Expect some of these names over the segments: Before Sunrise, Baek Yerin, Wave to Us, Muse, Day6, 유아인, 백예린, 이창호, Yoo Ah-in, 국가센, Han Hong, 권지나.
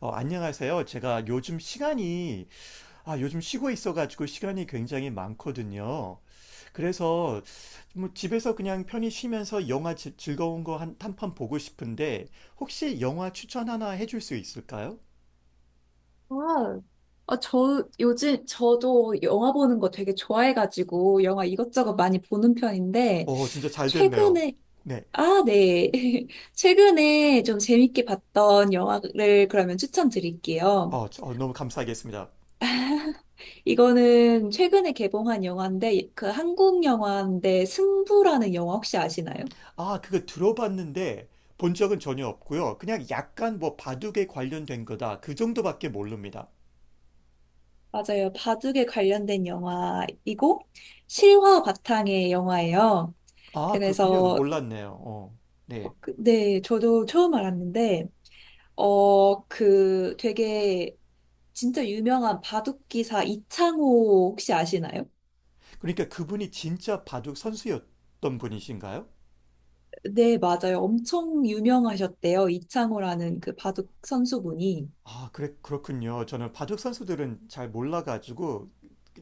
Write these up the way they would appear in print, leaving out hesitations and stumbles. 안녕하세요. 제가 요즘 시간이, 아, 요즘 쉬고 있어가지고 시간이 굉장히 많거든요. 그래서 뭐 집에서 그냥 편히 쉬면서 즐거운 거 한 편 보고 싶은데, 혹시 영화 추천 하나 해줄 수 있을까요? 아, 저 요즘 저도 영화 보는 거 되게 좋아해가지고 영화 어, 이것저것 많이 보는 편인데 진짜 잘 됐네요. 최근에 네. 아, 네. 최근에 좀 재밌게 봤던 영화를 그러면 추천드릴게요. 너무 감사하겠습니다. 이거는 최근에 개봉한 영화인데 그 한국 영화인데 승부라는 영화 혹시 아시나요? 아, 그거 들어봤는데 본 적은 전혀 없고요. 그냥 약간 뭐 바둑에 관련된 거다. 그 정도밖에 모릅니다. 맞아요. 바둑에 관련된 영화이고 실화 바탕의 영화예요. 아, 그렇군요. 그래서 몰랐네요. 어, 네. 그, 네, 저도 처음 알았는데 그 되게 진짜 유명한 바둑 기사 이창호 혹시 아시나요? 그러니까 그분이 진짜 바둑 선수였던 분이신가요? 네, 맞아요. 엄청 유명하셨대요. 이창호라는 그 바둑 선수분이. 아, 그렇군요. 저는 바둑 선수들은 잘 몰라가지고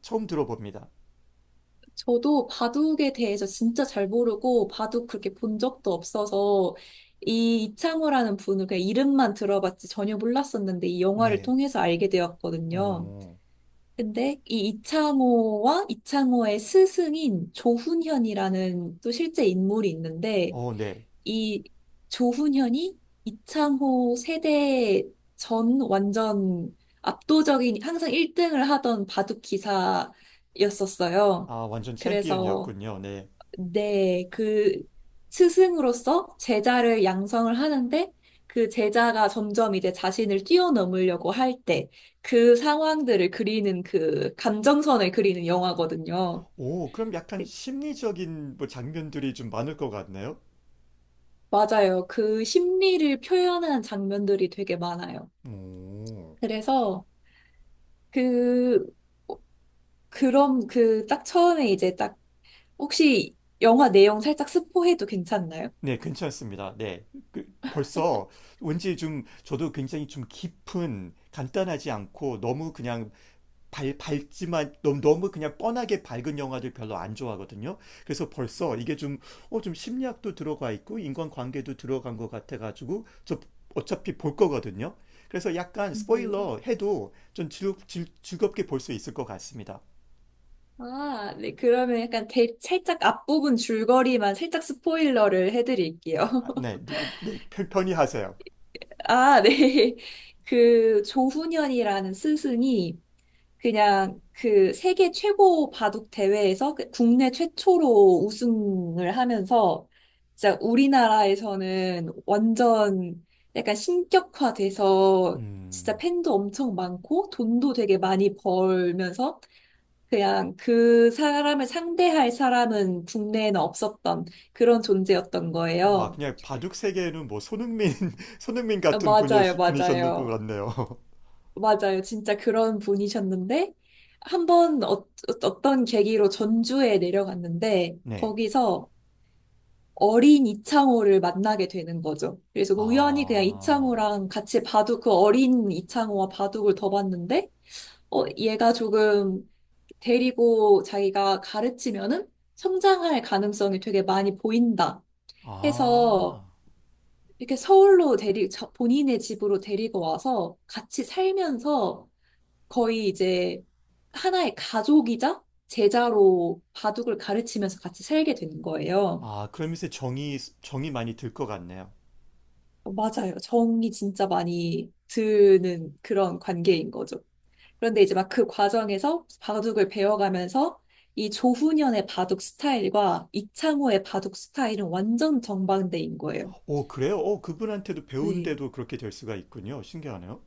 처음 들어봅니다. 저도 바둑에 대해서 진짜 잘 모르고 바둑 그렇게 본 적도 없어서 이 이창호라는 분을 그냥 이름만 들어봤지 전혀 몰랐었는데 이 영화를 네. 통해서 알게 되었거든요. 어, 근데 이 이창호와 이창호의 스승인 조훈현이라는 또 실제 인물이 있는데 네. 이 조훈현이 이창호 세대 전 완전 압도적인 항상 1등을 하던 바둑 기사였었어요. 아, 완전 그래서 챔피언이었군요. 네. 네, 그 스승으로서 제자를 양성을 하는데 그 제자가 점점 이제 자신을 뛰어넘으려고 할 때 그 상황들을 그리는 그 감정선을 그리는 영화거든요. 오, 그럼 약간 심리적인 뭐 장면들이 좀 많을 것 같네요. 맞아요. 그 심리를 표현한 장면들이 되게 많아요. 오. 그래서 그 그럼 그 딱 처음에 이제 딱 혹시 영화 내용 살짝 스포해도 괜찮나요? 네, 괜찮습니다. 네. 그, 벌써 왠지 좀 저도 굉장히 좀 깊은, 간단하지 않고 너무 그냥 밝지만 너무 그냥 뻔하게 밝은 영화들 별로 안 좋아하거든요. 그래서 벌써 이게 좀, 어, 좀 심리학도 들어가 있고 인간관계도 들어간 것 같아가지고 저 어차피 볼 거거든요. 그래서 약간 네. 스포일러 해도 좀 즐겁게 볼 수 있을 것 같습니다. 아, 네. 그러면 약간 대, 살짝 앞부분 줄거리만 살짝 스포일러를 해드릴게요. 아, 네, 누- 편히 하세요. 아, 네. 그 조훈현이라는 스승이 그냥 그 세계 최고 바둑 대회에서 그 국내 최초로 우승을 하면서 진짜 우리나라에서는 완전 약간 신격화돼서 진짜 음, 팬도 엄청 많고 돈도 되게 많이 벌면서 그냥 그 사람을 상대할 사람은 국내에는 없었던 그런 존재였던 와, 거예요. 그냥 바둑 세계에는 뭐 손흥민, 손흥민 같은 맞아요, 분이셨는 것 맞아요. 같네요. 맞아요. 진짜 그런 분이셨는데, 한 번 떤 계기로 전주에 내려갔는데, 네. 거기서 어린 이창호를 만나게 되는 거죠. 그래서 그 우연히 그냥 아, 이창호랑 같이 바둑, 그 어린 이창호와 바둑을 더 봤는데, 얘가 조금 데리고 자기가 가르치면은 성장할 가능성이 되게 많이 보인다 아. 해서 이렇게 서울로 데리, 자- 본인의 집으로 데리고 와서 같이 살면서 거의 이제 하나의 가족이자 제자로 바둑을 가르치면서 같이 살게 되는 거예요. 아, 그러면서 정이 많이 들 것 같네요. 맞아요. 정이 진짜 많이 드는 그런 관계인 거죠. 그런데 이제 막 그 과정에서 바둑을 배워가면서 이 조훈현의 바둑 스타일과 이창호의 바둑 스타일은 완전 정반대인 거예요. 오, 그래요? 오, 그분한테도 네. 배운데도 그렇게 될 수가 있군요. 신기하네요.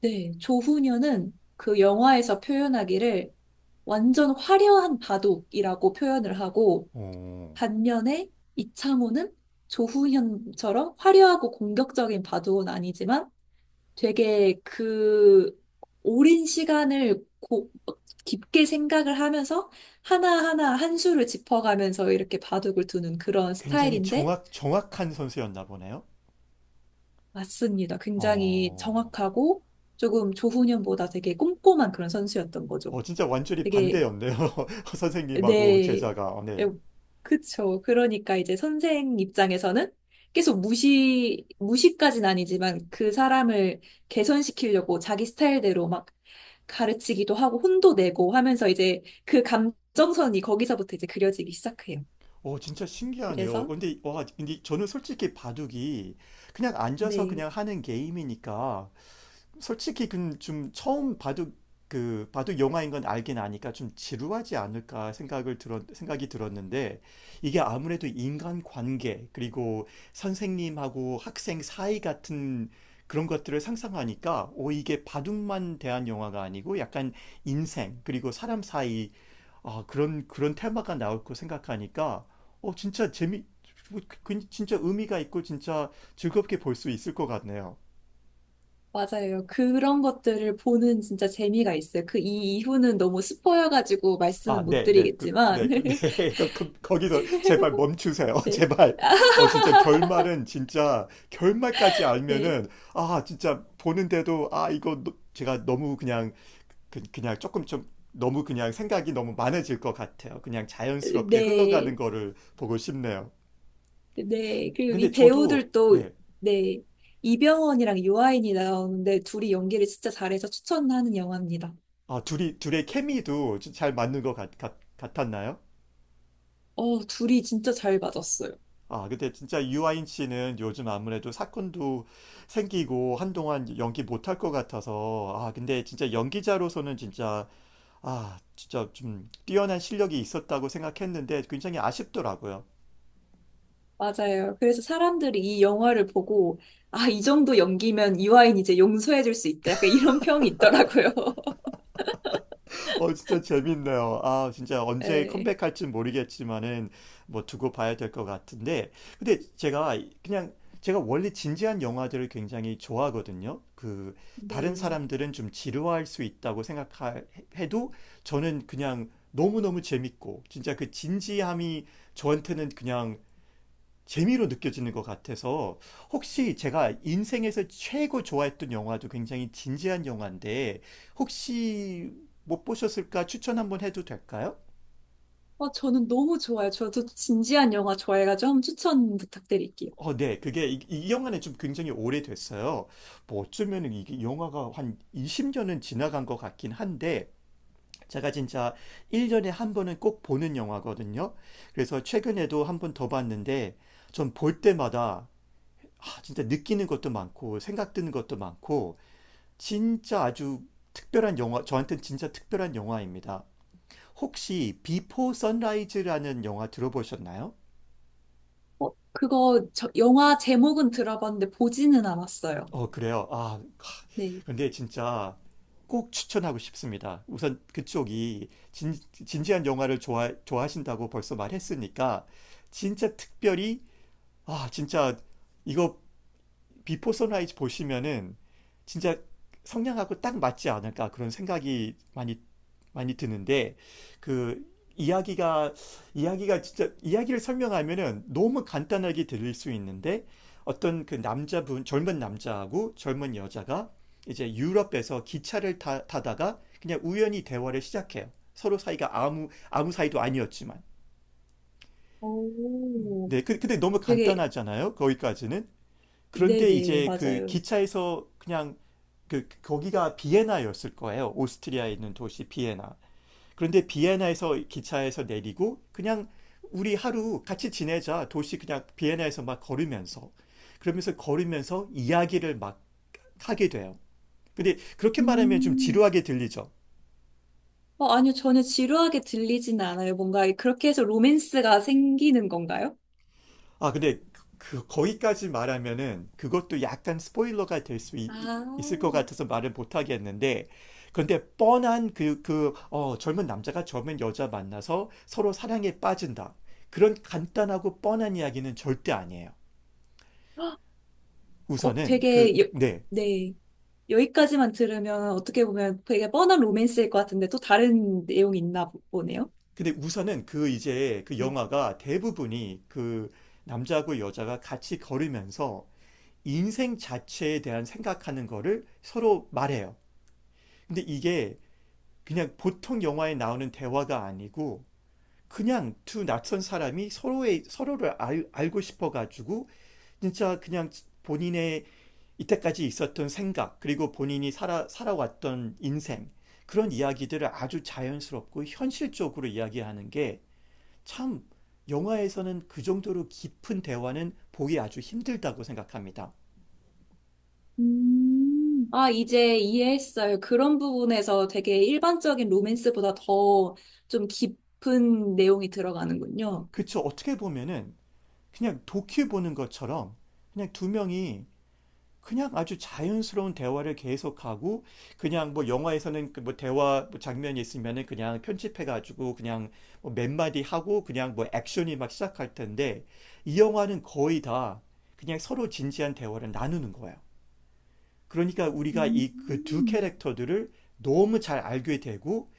네. 조훈현은 그 영화에서 표현하기를 완전 화려한 바둑이라고 표현을 하고 오, 반면에 이창호는 조훈현처럼 화려하고 공격적인 바둑은 아니지만 되게 그 오랜 시간을 고- 깊게 생각을 하면서 하나하나 한 수를 짚어가면서 이렇게 바둑을 두는 그런 굉장히 스타일인데 정확한 선수였나 보네요. 맞습니다. 굉장히 어, 정확하고 조금 조훈현보다 되게 꼼꼼한 그런 선수였던 거죠. 진짜 완전히 되게 반대였네요. 선생님하고 네. 제자가. 어, 에, 네. 그쵸. 그러니까 이제 선생 입장에서는 계속 무시까진 아니지만 그 사람을 개선시키려고 자기 스타일대로 막 가르치기도 하고 혼도 내고 하면서 이제 그 감정선이 거기서부터 이제 그려지기 시작해요. 오, 진짜 신기하네요. 그래서, 근데, 와, 근데 저는 솔직히 바둑이 그냥 앉아서 네. 그냥 하는 게임이니까 솔직히 그 좀 처음 바둑 그 바둑 영화인 건 알긴 아니까 좀 지루하지 않을까 생각을 들었 생각이 들었는데 이게 아무래도 인간 관계 그리고 선생님하고 학생 사이 같은 그런 것들을 상상하니까 오 이게 바둑만 대한 영화가 아니고 약간 인생 그리고 사람 사이 아 그런 테마가 나올 거 생각하니까 어 진짜 재미 뭐 그 진짜 의미가 있고 진짜 즐겁게 볼 수 있을 것 같네요. 맞아요. 그런 것들을 보는 진짜 재미가 있어요. 그 이 이후는 너무 스포여가지고 아, 말씀은 못 네, 네, 그, 드리겠지만. 네, 그, 네. 그, 그, 거기서 제발 멈추세요. 네. 제발. 어, 진짜 결말은 진짜 결말까지 네. 알면은 아, 진짜 보는데도 아, 이거 제가 너무 그냥 그, 그냥 조금 좀 너무 그냥 생각이 너무 많아질 것 같아요. 그냥 자연스럽게 네. 흘러가는 거를 보고 싶네요. 네, 그리고 근데 이 저도 배우들도, 네. 네, 이병헌이랑 유아인이 나오는데 둘이 연기를 진짜 잘해서 추천하는 영화입니다. 아, 둘이 둘의 케미도 잘 맞는 것 같았나요? 둘이 진짜 잘 맞았어요. 아, 근데 진짜 유아인 씨는 요즘 아무래도 사건도 생기고 한동안 연기 못할 것 같아서, 아, 근데 진짜 연기자로서는 진짜, 아, 진짜 좀 뛰어난 실력이 있었다고 생각했는데 굉장히 아쉽더라고요. 맞아요. 그래서 사람들이 이 영화를 보고, 아, 이 정도 연기면 유아인 이제 용서해줄 수 있다. 약간 이런 평이 있더라고요. 어, 진짜 재밌네요. 아, 진짜 언제 네. 컴백할진 모르겠지만은 뭐 두고 봐야 될 것 같은데. 근데 제가 그냥 제가 원래 진지한 영화들을 굉장히 좋아하거든요. 그 다른 네. 사람들은 좀 지루할 수 있다고 생각해도 저는 그냥 너무너무 재밌고 진짜 그 진지함이 저한테는 그냥 재미로 느껴지는 것 같아서 혹시 제가 인생에서 최고 좋아했던 영화도 굉장히 진지한 영화인데 혹시 못 보셨을까 추천 한번 해도 될까요? 저는 너무 좋아요. 저도 진지한 영화 좋아해가지고 한번 추천 부탁드릴게요. 어, 네. 그게 이 영화는 좀 굉장히 오래됐어요. 뭐 어쩌면 이게 영화가 한 20년은 지나간 것 같긴 한데 제가 진짜 1년에 한 번은 꼭 보는 영화거든요. 그래서 최근에도 한 번 더 봤는데 전 볼 때마다 아, 진짜 느끼는 것도 많고 생각 드는 것도 많고 진짜 아주 특별한 영화, 저한테는 진짜 특별한 영화입니다. 혹시 비포 선라이즈라는 영화 들어보셨나요? 어, 그거, 저, 영화 제목은 들어봤는데 보지는 않았어요. 어, 그래요. 아, 네. 근데 진짜 꼭 추천하고 싶습니다. 우선 그쪽이 진지한 영화를 좋아하신다고 벌써 말했으니까 진짜 특별히 아, 진짜 이거 비포 선라이즈 보시면은 진짜 성량하고 딱 맞지 않을까 그런 생각이 많이 드는데 그 이야기가 이야기가 진짜 이야기를 설명하면은 너무 간단하게 들릴 수 있는데 어떤 그 남자분 젊은 남자하고 젊은 여자가 이제 유럽에서 기차를 타다가 그냥 우연히 대화를 시작해요. 서로 사이가 아무 사이도 아니었지만. 오. 네, 그, 근데 너무 되게, 간단하잖아요. 거기까지는. 그런데 네네, 이제 그 맞아요. 기차에서 그냥 그 거기가 비에나였을 거예요. 오스트리아에 있는 도시 비에나. 그런데 비에나에서 기차에서 내리고 그냥 우리 하루 같이 지내자. 도시 그냥 비에나에서 막 걸으면서 그러면서 걸으면서 이야기를 막 하게 돼요. 근데 그렇게 말하면 좀 음. 지루하게 들리죠. 아니요, 전혀 지루하게 들리진 않아요. 뭔가 그렇게 해서 로맨스가 생기는 건가요? 아, 근데 그, 거기까지 말하면은 그것도 약간 스포일러가 될 수 아, 있을 것 같아서 말을 못 하겠는데, 근데 뻔한 그, 그, 어, 젊은 남자가 젊은 여자 만나서 서로 사랑에 빠진다. 그런 간단하고 뻔한 이야기는 절대 아니에요. 우선은 그, 되게, 여, 네. 네. 여기까지만 들으면 어떻게 보면 되게 뻔한 로맨스일 것 같은데 또 다른 내용이 있나 보- 보네요. 근데 우선은 그 이제 그 네. 영화가 대부분이 그 남자하고 여자가 같이 걸으면서 인생 자체에 대한 생각하는 거를 서로 말해요. 근데 이게 그냥 보통 영화에 나오는 대화가 아니고 그냥 두 낯선 사람이 서로의 서로를 알고 싶어 가지고 진짜 그냥 본인의 이때까지 있었던 생각 그리고 본인이 살아왔던 인생 그런 이야기들을 아주 자연스럽고 현실적으로 이야기하는 게 참 영화에서는 그 정도로 깊은 대화는 보기 아주 힘들다고 생각합니다. 음. 아, 이제 이해했어요. 그런 부분에서 되게 일반적인 로맨스보다 더 좀 깊은 내용이 들어가는군요. 그쵸? 어떻게 보면은 그냥 도큐 보는 것처럼 그냥 두 명이 그냥 아주 자연스러운 대화를 계속하고 그냥 뭐 영화에서는 그뭐 대화 뭐 장면이 있으면은 그냥 편집해가지고 그냥 뭐몇 마디 하고 그냥 뭐 액션이 막 시작할 텐데 이 영화는 거의 다 그냥 서로 진지한 대화를 나누는 거예요. 그러니까 우리가 이 그 두 음. 캐릭터들을 너무 잘 알게 되고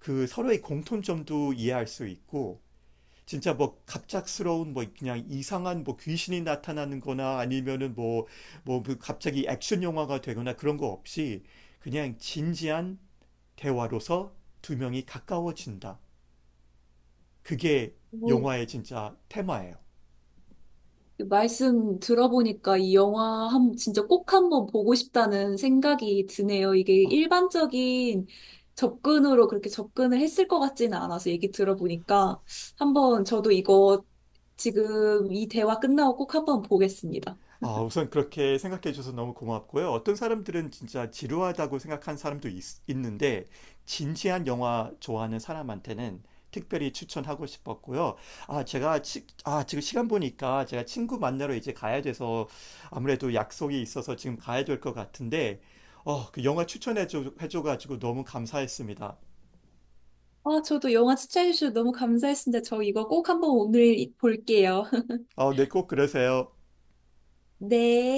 그 서로의 공통점도 이해할 수 있고 진짜 뭐 갑작스러운 뭐 그냥 이상한 뭐 귀신이 나타나는 거나 아니면은 뭐뭐 그 갑자기 액션 영화가 되거나 그런 거 없이 그냥 진지한 대화로서 두 명이 가까워진다. 그게 영화의 진짜 테마예요. 말씀 들어보니까 이 영화 한, 진짜 꼭 한번 보고 싶다는 생각이 드네요. 이게 아, 일반적인 접근으로 그렇게 접근을 했을 것 같지는 않아서 얘기 들어보니까 한번 저도 이거 지금 이 대화 끝나고 꼭 한번 보겠습니다. 아, 우선 그렇게 생각해 주셔서 너무 고맙고요. 어떤 사람들은 진짜 지루하다고 생각한 사람도 있, 는데 진지한 영화 좋아하는 사람한테는 특별히 추천하고 싶었고요. 아, 아, 지금 시간 보니까 제가 친구 만나러 이제 가야 돼서 아무래도 약속이 있어서 지금 가야 될 것 같은데, 어, 그 영화 해줘가지고 너무 감사했습니다. 아, 저도 영화 추천해주셔서 너무 감사했습니다. 저 이거 꼭 한번 오늘 볼게요. 어, 네, 꼭 그러세요. 네.